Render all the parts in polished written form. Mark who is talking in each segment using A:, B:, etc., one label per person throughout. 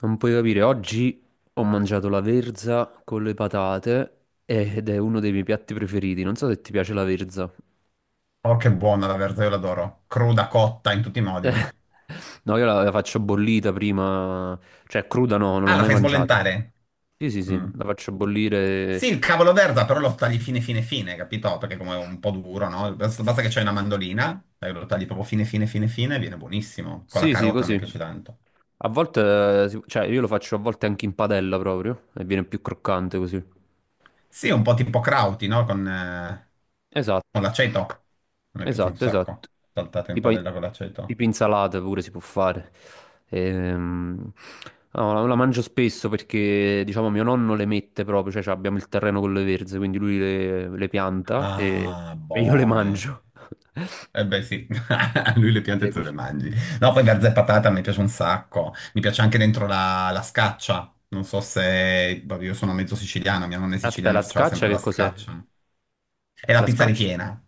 A: Non puoi capire, oggi ho mangiato la verza con le patate ed è uno dei miei piatti preferiti. Non so se ti piace la verza.
B: Oh, che buona la verza, io l'adoro. Cruda, cotta, in tutti i modi.
A: No, io la faccio bollita prima, cioè cruda no, non l'ho
B: Ah, la
A: mai
B: fai
A: mangiata.
B: sbollentare?
A: Sì, sì, sì,
B: Mm.
A: la faccio
B: Sì,
A: bollire.
B: il cavolo verza, però lo tagli fine, fine, fine, capito? Perché come è un po' duro, no? Basta, basta che c'hai una mandolina, lo tagli proprio fine, fine, fine, fine, e viene buonissimo. Con la
A: Sì, sì,
B: carota mi
A: così.
B: piace tanto.
A: A volte, cioè io lo faccio a volte anche in padella proprio e viene più croccante così.
B: Sì, un po' tipo crauti, no? Con
A: Esatto.
B: l'aceto. A me piace un
A: Esatto, esatto.
B: sacco. Saltato in
A: Tipo,
B: padella con l'aceto.
A: tipo insalata pure si può fare. Ehm, no, la mangio spesso perché, diciamo, mio nonno le mette proprio, cioè, abbiamo il terreno con le verze, quindi lui le pianta e,
B: Ah,
A: e io le
B: buone.
A: mangio.
B: Eh beh sì, a lui le piante
A: Le
B: te le
A: cuc-
B: mangi. No, poi verza e patata mi piace un sacco. Mi piace anche dentro la scaccia. Non so se, vabbè, io sono mezzo siciliano, mia nonna è
A: Aspetta,
B: siciliana e
A: la
B: faceva
A: scaccia
B: sempre la
A: che cos'è?
B: scaccia. E la
A: La
B: pizza
A: scaccia?
B: ripiena,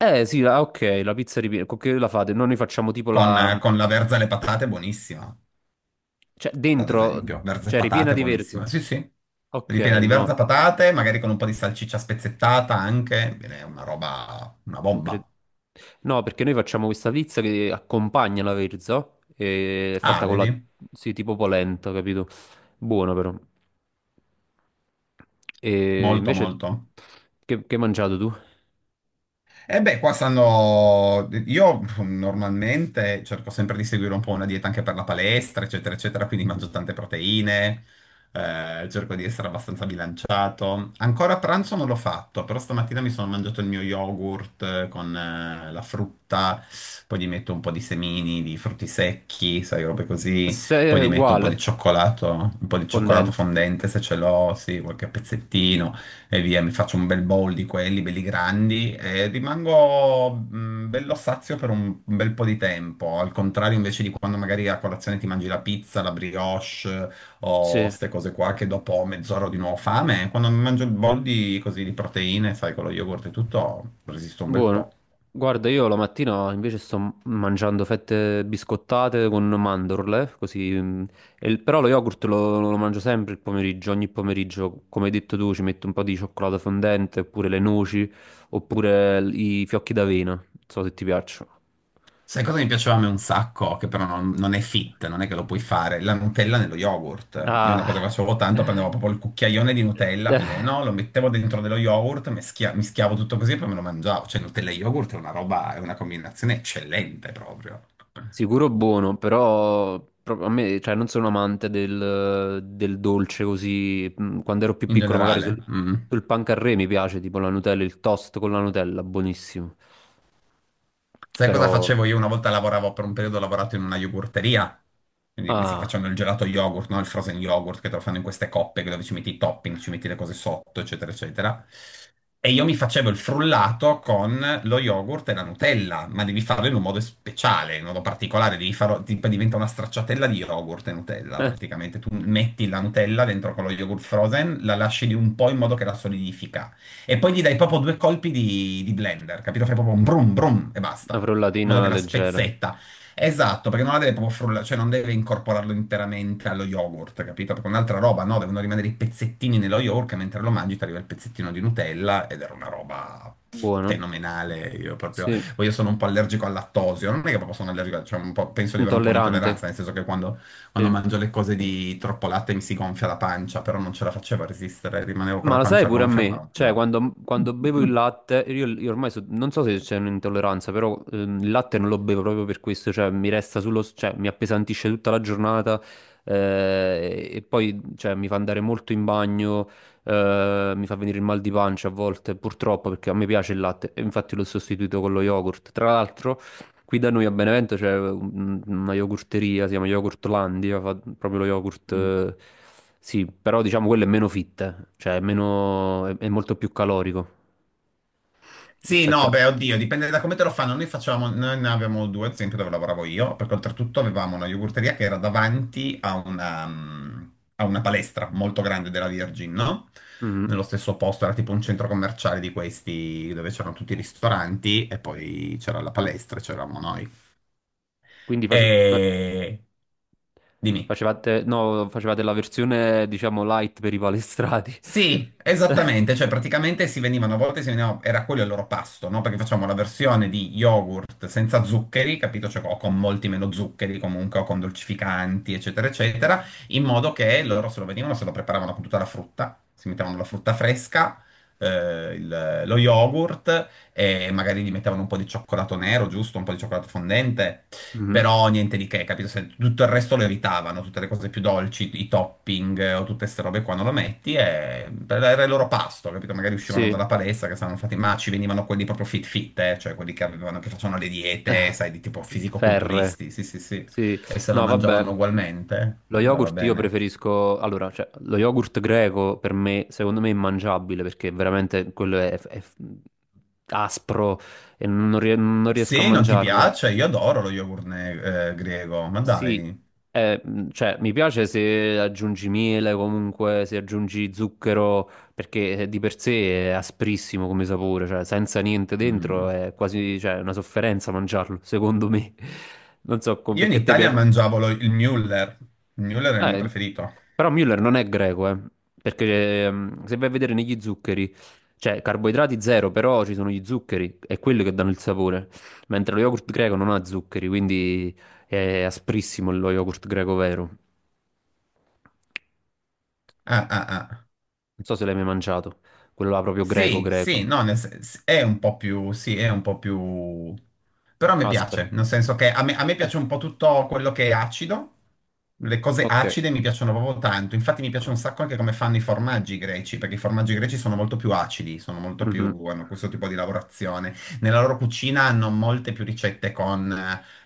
A: Eh sì, ok, la pizza ripiena, con che la fate? Noi ne facciamo tipo
B: con,
A: la.
B: con la verza e le patate, è buonissima,
A: Cioè
B: ad
A: dentro,
B: esempio. Verza e
A: cioè ripiena
B: patate, è
A: di verze.
B: buonissima. Sì, sì.
A: Ok,
B: Ripiena di
A: no.
B: verza patate, magari con un po' di salsiccia spezzettata anche. Bene, è una roba, una
A: Incre-
B: bomba.
A: No, perché noi facciamo questa pizza che accompagna la verza, e è
B: Ah,
A: fatta con la.
B: vedi?
A: Sì, tipo polenta, capito? Buona però. E
B: Molto,
A: invece,
B: molto.
A: che hai mangiato tu?
B: E beh, io normalmente cerco sempre di seguire un po' una dieta anche per la palestra, eccetera, eccetera, quindi mangio tante proteine, cerco di essere abbastanza bilanciato. Ancora a pranzo non l'ho fatto, però stamattina mi sono mangiato il mio yogurt con la frutta, poi gli metto un po' di semini, di frutti secchi, sai, robe così, poi
A: Se
B: gli metto un po' di
A: uguale,
B: cioccolato, un po' di cioccolato
A: fondente.
B: fondente se ce l'ho, sì, qualche pezzettino, e via, mi faccio un bel bowl di quelli belli grandi e rimango bello sazio per un bel po' di tempo. Al contrario, invece di quando magari a colazione ti mangi la pizza, la brioche o
A: Sì.
B: queste cose qua, che dopo mezz'ora ho di nuovo fame, quando mi mangio il bowl di, così, di proteine, sai, con lo yogurt e tutto, resisto un bel
A: Buono.
B: po'.
A: Guarda, io la mattina invece sto mangiando fette biscottate con mandorle, così. Però lo yogurt lo mangio sempre il pomeriggio, ogni pomeriggio, come hai detto tu, ci metto un po' di cioccolato fondente, oppure le noci, oppure i fiocchi d'avena, non so se ti piacciono.
B: Sai cosa mi piaceva a me un sacco? Che però non è fit, non è che lo puoi fare. La Nutella nello yogurt. Io una cosa che
A: Ah,
B: facevo tanto, prendevo proprio il cucchiaione di Nutella pieno, lo mettevo dentro dello yogurt, mischiavo tutto così e poi me lo mangiavo. Cioè Nutella e yogurt è una roba, è una combinazione eccellente proprio,
A: Sicuro buono, però a me, cioè, non sono amante del dolce così. Quando ero più
B: in
A: piccolo, magari sul,
B: generale. Mm.
A: sul pan carré mi piace, tipo la Nutella, il toast con la Nutella, buonissimo.
B: Sai cosa
A: Però,
B: facevo io? Una volta lavoravo, per un periodo ho lavorato in una yogurteria, quindi questi che
A: ah,
B: facevano il gelato yogurt, no? Il frozen yogurt, che te lo fanno in queste coppe dove ci metti i topping, ci metti le cose sotto, eccetera, eccetera. E io mi facevo il frullato con lo yogurt e la Nutella, ma devi farlo in un modo speciale, in un modo particolare, devi farlo, diventa una stracciatella di yogurt e Nutella, praticamente. Tu metti la Nutella dentro con lo yogurt frozen, la lasci di un po' in modo che la solidifica. E poi gli dai proprio due colpi di blender, capito? Fai proprio un brum brum e
A: la
B: basta in modo
A: frullatina
B: che la
A: leggera,
B: spezzetta. Esatto, perché non la deve proprio frullare, cioè non deve incorporarlo interamente allo yogurt, capito? Perché è un'altra roba, no, devono rimanere i pezzettini nello yogurt, e mentre lo mangi ti arriva il pezzettino di Nutella ed era una roba
A: buona,
B: fenomenale. Io proprio,
A: sì,
B: poi io sono un po' allergico al lattosio, non è che proprio sono allergico, cioè un po', penso di avere un po'
A: intollerante,
B: un'intolleranza, nel senso che quando
A: sì.
B: mangio le cose di troppo latte mi si gonfia la pancia, però non ce la facevo a resistere, rimanevo con
A: Ma
B: la
A: lo sai
B: pancia
A: pure a
B: gonfia, ma
A: me,
B: la
A: cioè
B: mangiavo.
A: quando bevo il latte, io ormai non so se c'è un'intolleranza, però il latte non lo bevo proprio per questo, cioè mi resta cioè mi appesantisce tutta la giornata e poi cioè, mi fa andare molto in bagno, mi fa venire il mal di pancia a volte, purtroppo perché a me piace il latte e infatti l'ho sostituito con lo yogurt. Tra l'altro, qui da noi a Benevento c'è una yogurteria, si chiama Yogurtlandia, fa proprio lo yogurt, sì, però diciamo quello è meno fit, cioè è, meno, è molto più calorico
B: Sì,
A: rispetto
B: no,
A: a.
B: beh, oddio, dipende da come te lo fanno. Noi facevamo, noi ne avevamo due, ad esempio, dove lavoravo io, perché oltretutto avevamo una yogurteria che era davanti a una palestra molto grande della Virgin, no?
A: Mm.
B: Nello stesso posto, era tipo un centro commerciale di questi, dove c'erano tutti i ristoranti e poi c'era la palestra, e c'eravamo noi.
A: Quindi
B: E... Dimmi.
A: facevate, no, facevate la versione diciamo light per i palestrati.
B: Sì, esattamente, cioè praticamente si venivano, a volte si venivano, era quello il loro pasto, no? Perché facciamo la versione di yogurt senza zuccheri, capito? Cioè, o con molti meno zuccheri comunque, o con dolcificanti, eccetera, eccetera, in modo che loro se lo venivano, se lo preparavano con tutta la frutta, si mettevano la frutta fresca, lo yogurt e magari gli mettevano un po' di cioccolato nero, giusto? Un po' di cioccolato fondente.
A: Mm.
B: Però niente di che, capito? Se tutto il resto lo evitavano, tutte le cose più dolci, i topping o tutte queste robe qua non lo metti e era il loro pasto, capito? Magari uscivano
A: Sì.
B: dalla palestra che stavano fatti, ma ci venivano quelli proprio fit fit, cioè quelli che avevano, che facevano le diete, sai, di tipo
A: Ferre.
B: fisico-culturisti, sì sì sì,
A: Sì,
B: e se lo
A: no, vabbè.
B: mangiavano ugualmente,
A: Lo
B: andava
A: yogurt io
B: bene.
A: preferisco, allora, cioè, lo yogurt greco per me, secondo me è immangiabile perché veramente quello è aspro e non riesco a
B: Se non ti
A: mangiarlo.
B: piace, io adoro lo yogurt greco, ma
A: Sì,
B: dai.
A: cioè, mi piace se aggiungi miele, comunque se aggiungi zucchero, perché di per sé è asprissimo come sapore, cioè, senza niente dentro
B: Mm.
A: è quasi, cioè, una sofferenza mangiarlo, secondo me. Non so
B: Io in
A: perché a te
B: Italia
A: piace.
B: mangiavo il Müller è il mio
A: Eh,
B: preferito.
A: Però Müller non è greco, perché se vai a vedere negli zuccheri, cioè carboidrati zero, però ci sono gli zuccheri, è quelli che danno il sapore, mentre lo yogurt greco non ha zuccheri, quindi è asprissimo lo yogurt greco vero.
B: Ah ah ah.
A: Non so se l'hai mai mangiato, quello là proprio greco
B: Sì,
A: greco,
B: sì, no, è un po' più, sì, è un po' più. Però mi
A: aspero.
B: piace, nel senso che a me
A: Eh,
B: piace un po' tutto quello che è acido, le cose
A: ok.
B: acide mi piacciono proprio tanto, infatti mi piace
A: Ah,
B: un sacco anche come fanno i formaggi greci, perché i formaggi greci sono molto più acidi, sono molto più,
A: mhm.
B: hanno questo tipo di lavorazione. Nella loro cucina hanno molte più ricette con,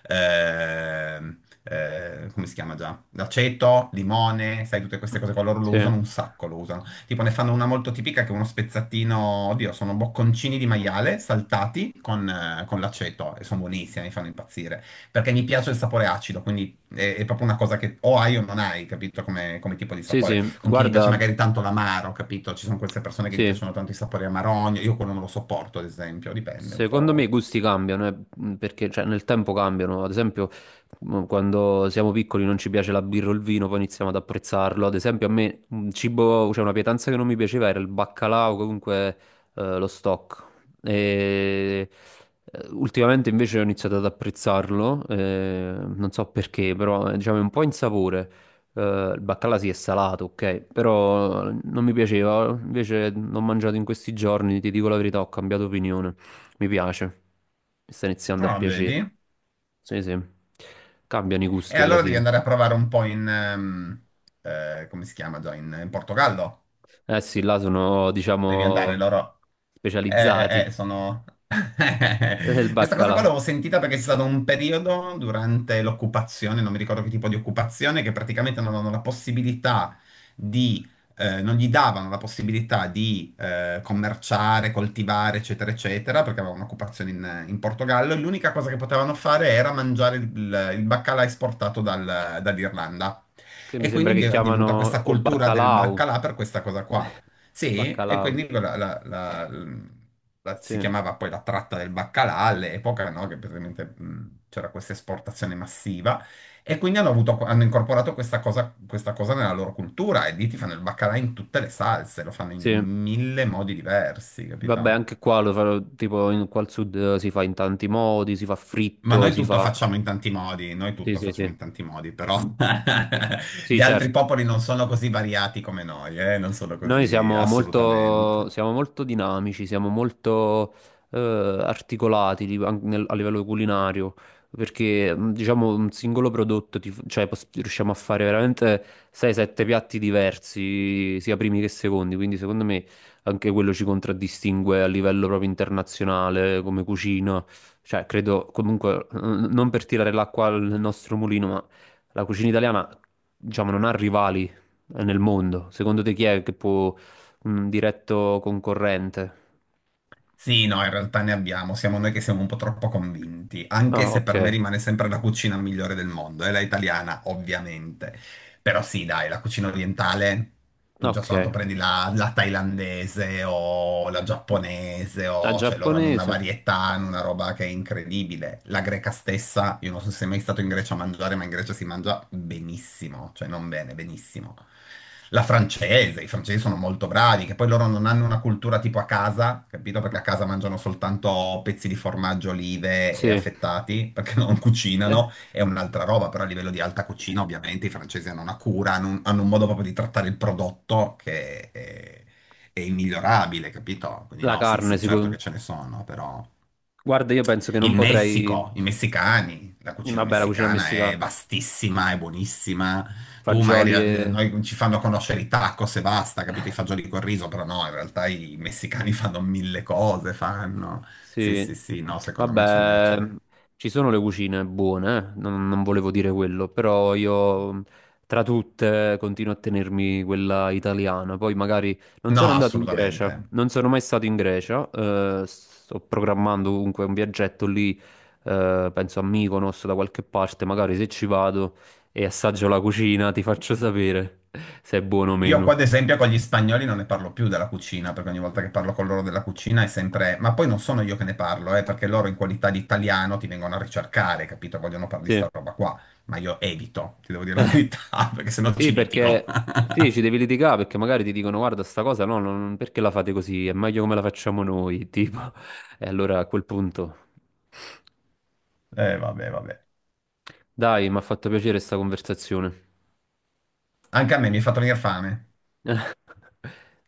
B: eh, come si chiama già? L'aceto, limone, sai, tutte queste cose qua, loro lo
A: Sì,
B: usano un sacco, lo usano. Tipo ne fanno una molto tipica che è uno spezzatino, oddio, sono bocconcini di maiale saltati con l'aceto e sono buonissimi, mi fanno impazzire. Perché mi piace il sapore acido, quindi è proprio una cosa che o hai o non hai, capito? Come tipo di
A: sì,
B: sapore.
A: sì,
B: Con chi gli piace
A: guarda,
B: magari tanto l'amaro, capito? Ci sono queste persone che gli
A: sì,
B: piacciono tanto i sapori amarogno, io quello non lo sopporto, ad esempio, dipende un
A: secondo me i
B: po'.
A: gusti cambiano, perché cioè, nel tempo cambiano. Ad esempio, quando siamo piccoli non ci piace la birra o il vino, poi iniziamo ad apprezzarlo. Ad esempio, a me un cibo, cioè una pietanza che non mi piaceva era il baccalà o comunque lo stock. E, ultimamente invece ho iniziato ad apprezzarlo, non so perché, però diciamo è un po' insapore. Eh, il baccalà sì è salato, ok, però non mi piaceva. Invece l'ho mangiato in questi giorni, ti dico la verità, ho cambiato opinione. Mi piace, mi sta iniziando a
B: Ah,
A: piacere.
B: vedi?
A: Sì, sì. Cambiano i
B: E
A: gusti alla
B: allora devi
A: fine.
B: andare a provare un po' in, come si chiama già, in Portogallo.
A: Eh sì, là sono,
B: Devi andare,
A: diciamo,
B: loro.
A: specializzati
B: Sono.
A: nel
B: Questa cosa qua
A: baccalà,
B: l'ho sentita perché c'è stato un periodo durante l'occupazione, non mi ricordo che tipo di occupazione, che praticamente non avevano la possibilità di, non gli davano la possibilità di commerciare, coltivare, eccetera, eccetera, perché avevano un'occupazione in Portogallo e l'unica cosa che potevano fare era mangiare il baccalà esportato dall'Irlanda.
A: che mi
B: E
A: sembra
B: quindi
A: che
B: è divenuta
A: chiamano
B: questa
A: o
B: cultura del
A: baccalau.
B: baccalà per questa cosa qua. Sì, e
A: Baccalau.
B: quindi
A: Sì,
B: si chiamava poi la tratta del baccalà all'epoca, no? Che praticamente c'era questa esportazione massiva e quindi hanno incorporato questa cosa nella loro cultura e lì ti fanno il baccalà in tutte le salse, lo fanno in
A: sì.
B: mille modi diversi,
A: Vabbè,
B: capito?
A: anche qua lo farò, tipo, qua al sud si fa in tanti modi, si fa
B: Ma
A: fritto,
B: noi
A: si
B: tutto
A: fa.
B: facciamo in tanti modi, noi
A: Sì,
B: tutto
A: sì,
B: facciamo
A: sì.
B: in tanti modi, però
A: Mm. Sì,
B: gli altri
A: certo.
B: popoli non sono così variati come noi, eh? Non sono
A: Noi
B: così assolutamente.
A: siamo molto dinamici, siamo molto eh, articolati a livello culinario, perché diciamo un singolo prodotto, cioè, riusciamo a fare veramente 6-7 piatti diversi, sia primi che secondi, quindi secondo me anche quello ci contraddistingue a livello proprio internazionale come cucina, cioè credo comunque, non per tirare l'acqua al nostro mulino, ma la cucina italiana diciamo non ha rivali nel mondo? Secondo te chi è che può un diretto concorrente?
B: Sì, no, in realtà ne abbiamo, siamo noi che siamo un po' troppo convinti, anche
A: Ah,
B: se
A: ok,
B: per me rimane sempre la cucina migliore del mondo, è la italiana, ovviamente. Però sì, dai, la cucina orientale tu già
A: ok.
B: soltanto prendi la thailandese o la giapponese,
A: La
B: o, cioè loro hanno una
A: giapponese?
B: varietà, hanno una roba che è incredibile. La greca stessa, io non so se sei mai stato in Grecia a mangiare, ma in Grecia si mangia benissimo, cioè non bene, benissimo. La francese, i francesi sono molto bravi, che poi loro non hanno una cultura tipo a casa, capito? Perché a casa mangiano soltanto pezzi di formaggio, olive e
A: Sì.
B: affettati, perché non
A: Eh,
B: cucinano, è un'altra roba, però a livello di alta cucina ovviamente i francesi hanno una cura, hanno un modo proprio di trattare il prodotto che è immigliorabile, capito? Quindi
A: La
B: no, sì,
A: carne,
B: sì, certo
A: sicuro.
B: che ce ne sono, però
A: Guarda, io penso che non
B: il
A: potrei.
B: Messico, i messicani, la cucina
A: Vabbè, la cucina
B: messicana è
A: messicana,
B: vastissima, è buonissima. Tu magari
A: fagioli
B: noi ci fanno conoscere i tacos e basta, capito? I fagioli col riso, però no, in realtà i messicani fanno mille cose, fanno. Sì,
A: Sì,
B: sì, sì, no, secondo me ce n'è,
A: vabbè,
B: ce n'è.
A: ci sono le cucine buone. Non volevo dire quello, però io tra tutte continuo a tenermi quella italiana. Poi magari non sono
B: No,
A: andato in
B: assolutamente.
A: Grecia, non sono mai stato in Grecia, sto programmando comunque un viaggetto lì, penso a Mykonos da qualche parte, magari se ci vado e assaggio la cucina ti faccio sapere se è buono o
B: Io qua,
A: meno.
B: ad esempio, con gli spagnoli non ne parlo più della cucina, perché ogni volta che parlo con loro della cucina è sempre. Ma poi non sono io che ne parlo, perché loro in qualità di italiano ti vengono a ricercare, capito? Vogliono parlare di
A: Sì.
B: sta roba qua, ma io evito, ti devo dire la verità, perché sennò
A: Sì,
B: ci litigo.
A: perché sì, ci devi litigare perché magari ti dicono guarda, sta cosa no, perché la fate così? È meglio come la facciamo noi, tipo. E allora a quel punto,
B: Vabbè, vabbè.
A: dai, mi ha fatto piacere sta conversazione.
B: Anche a me mi è fatto venire fame.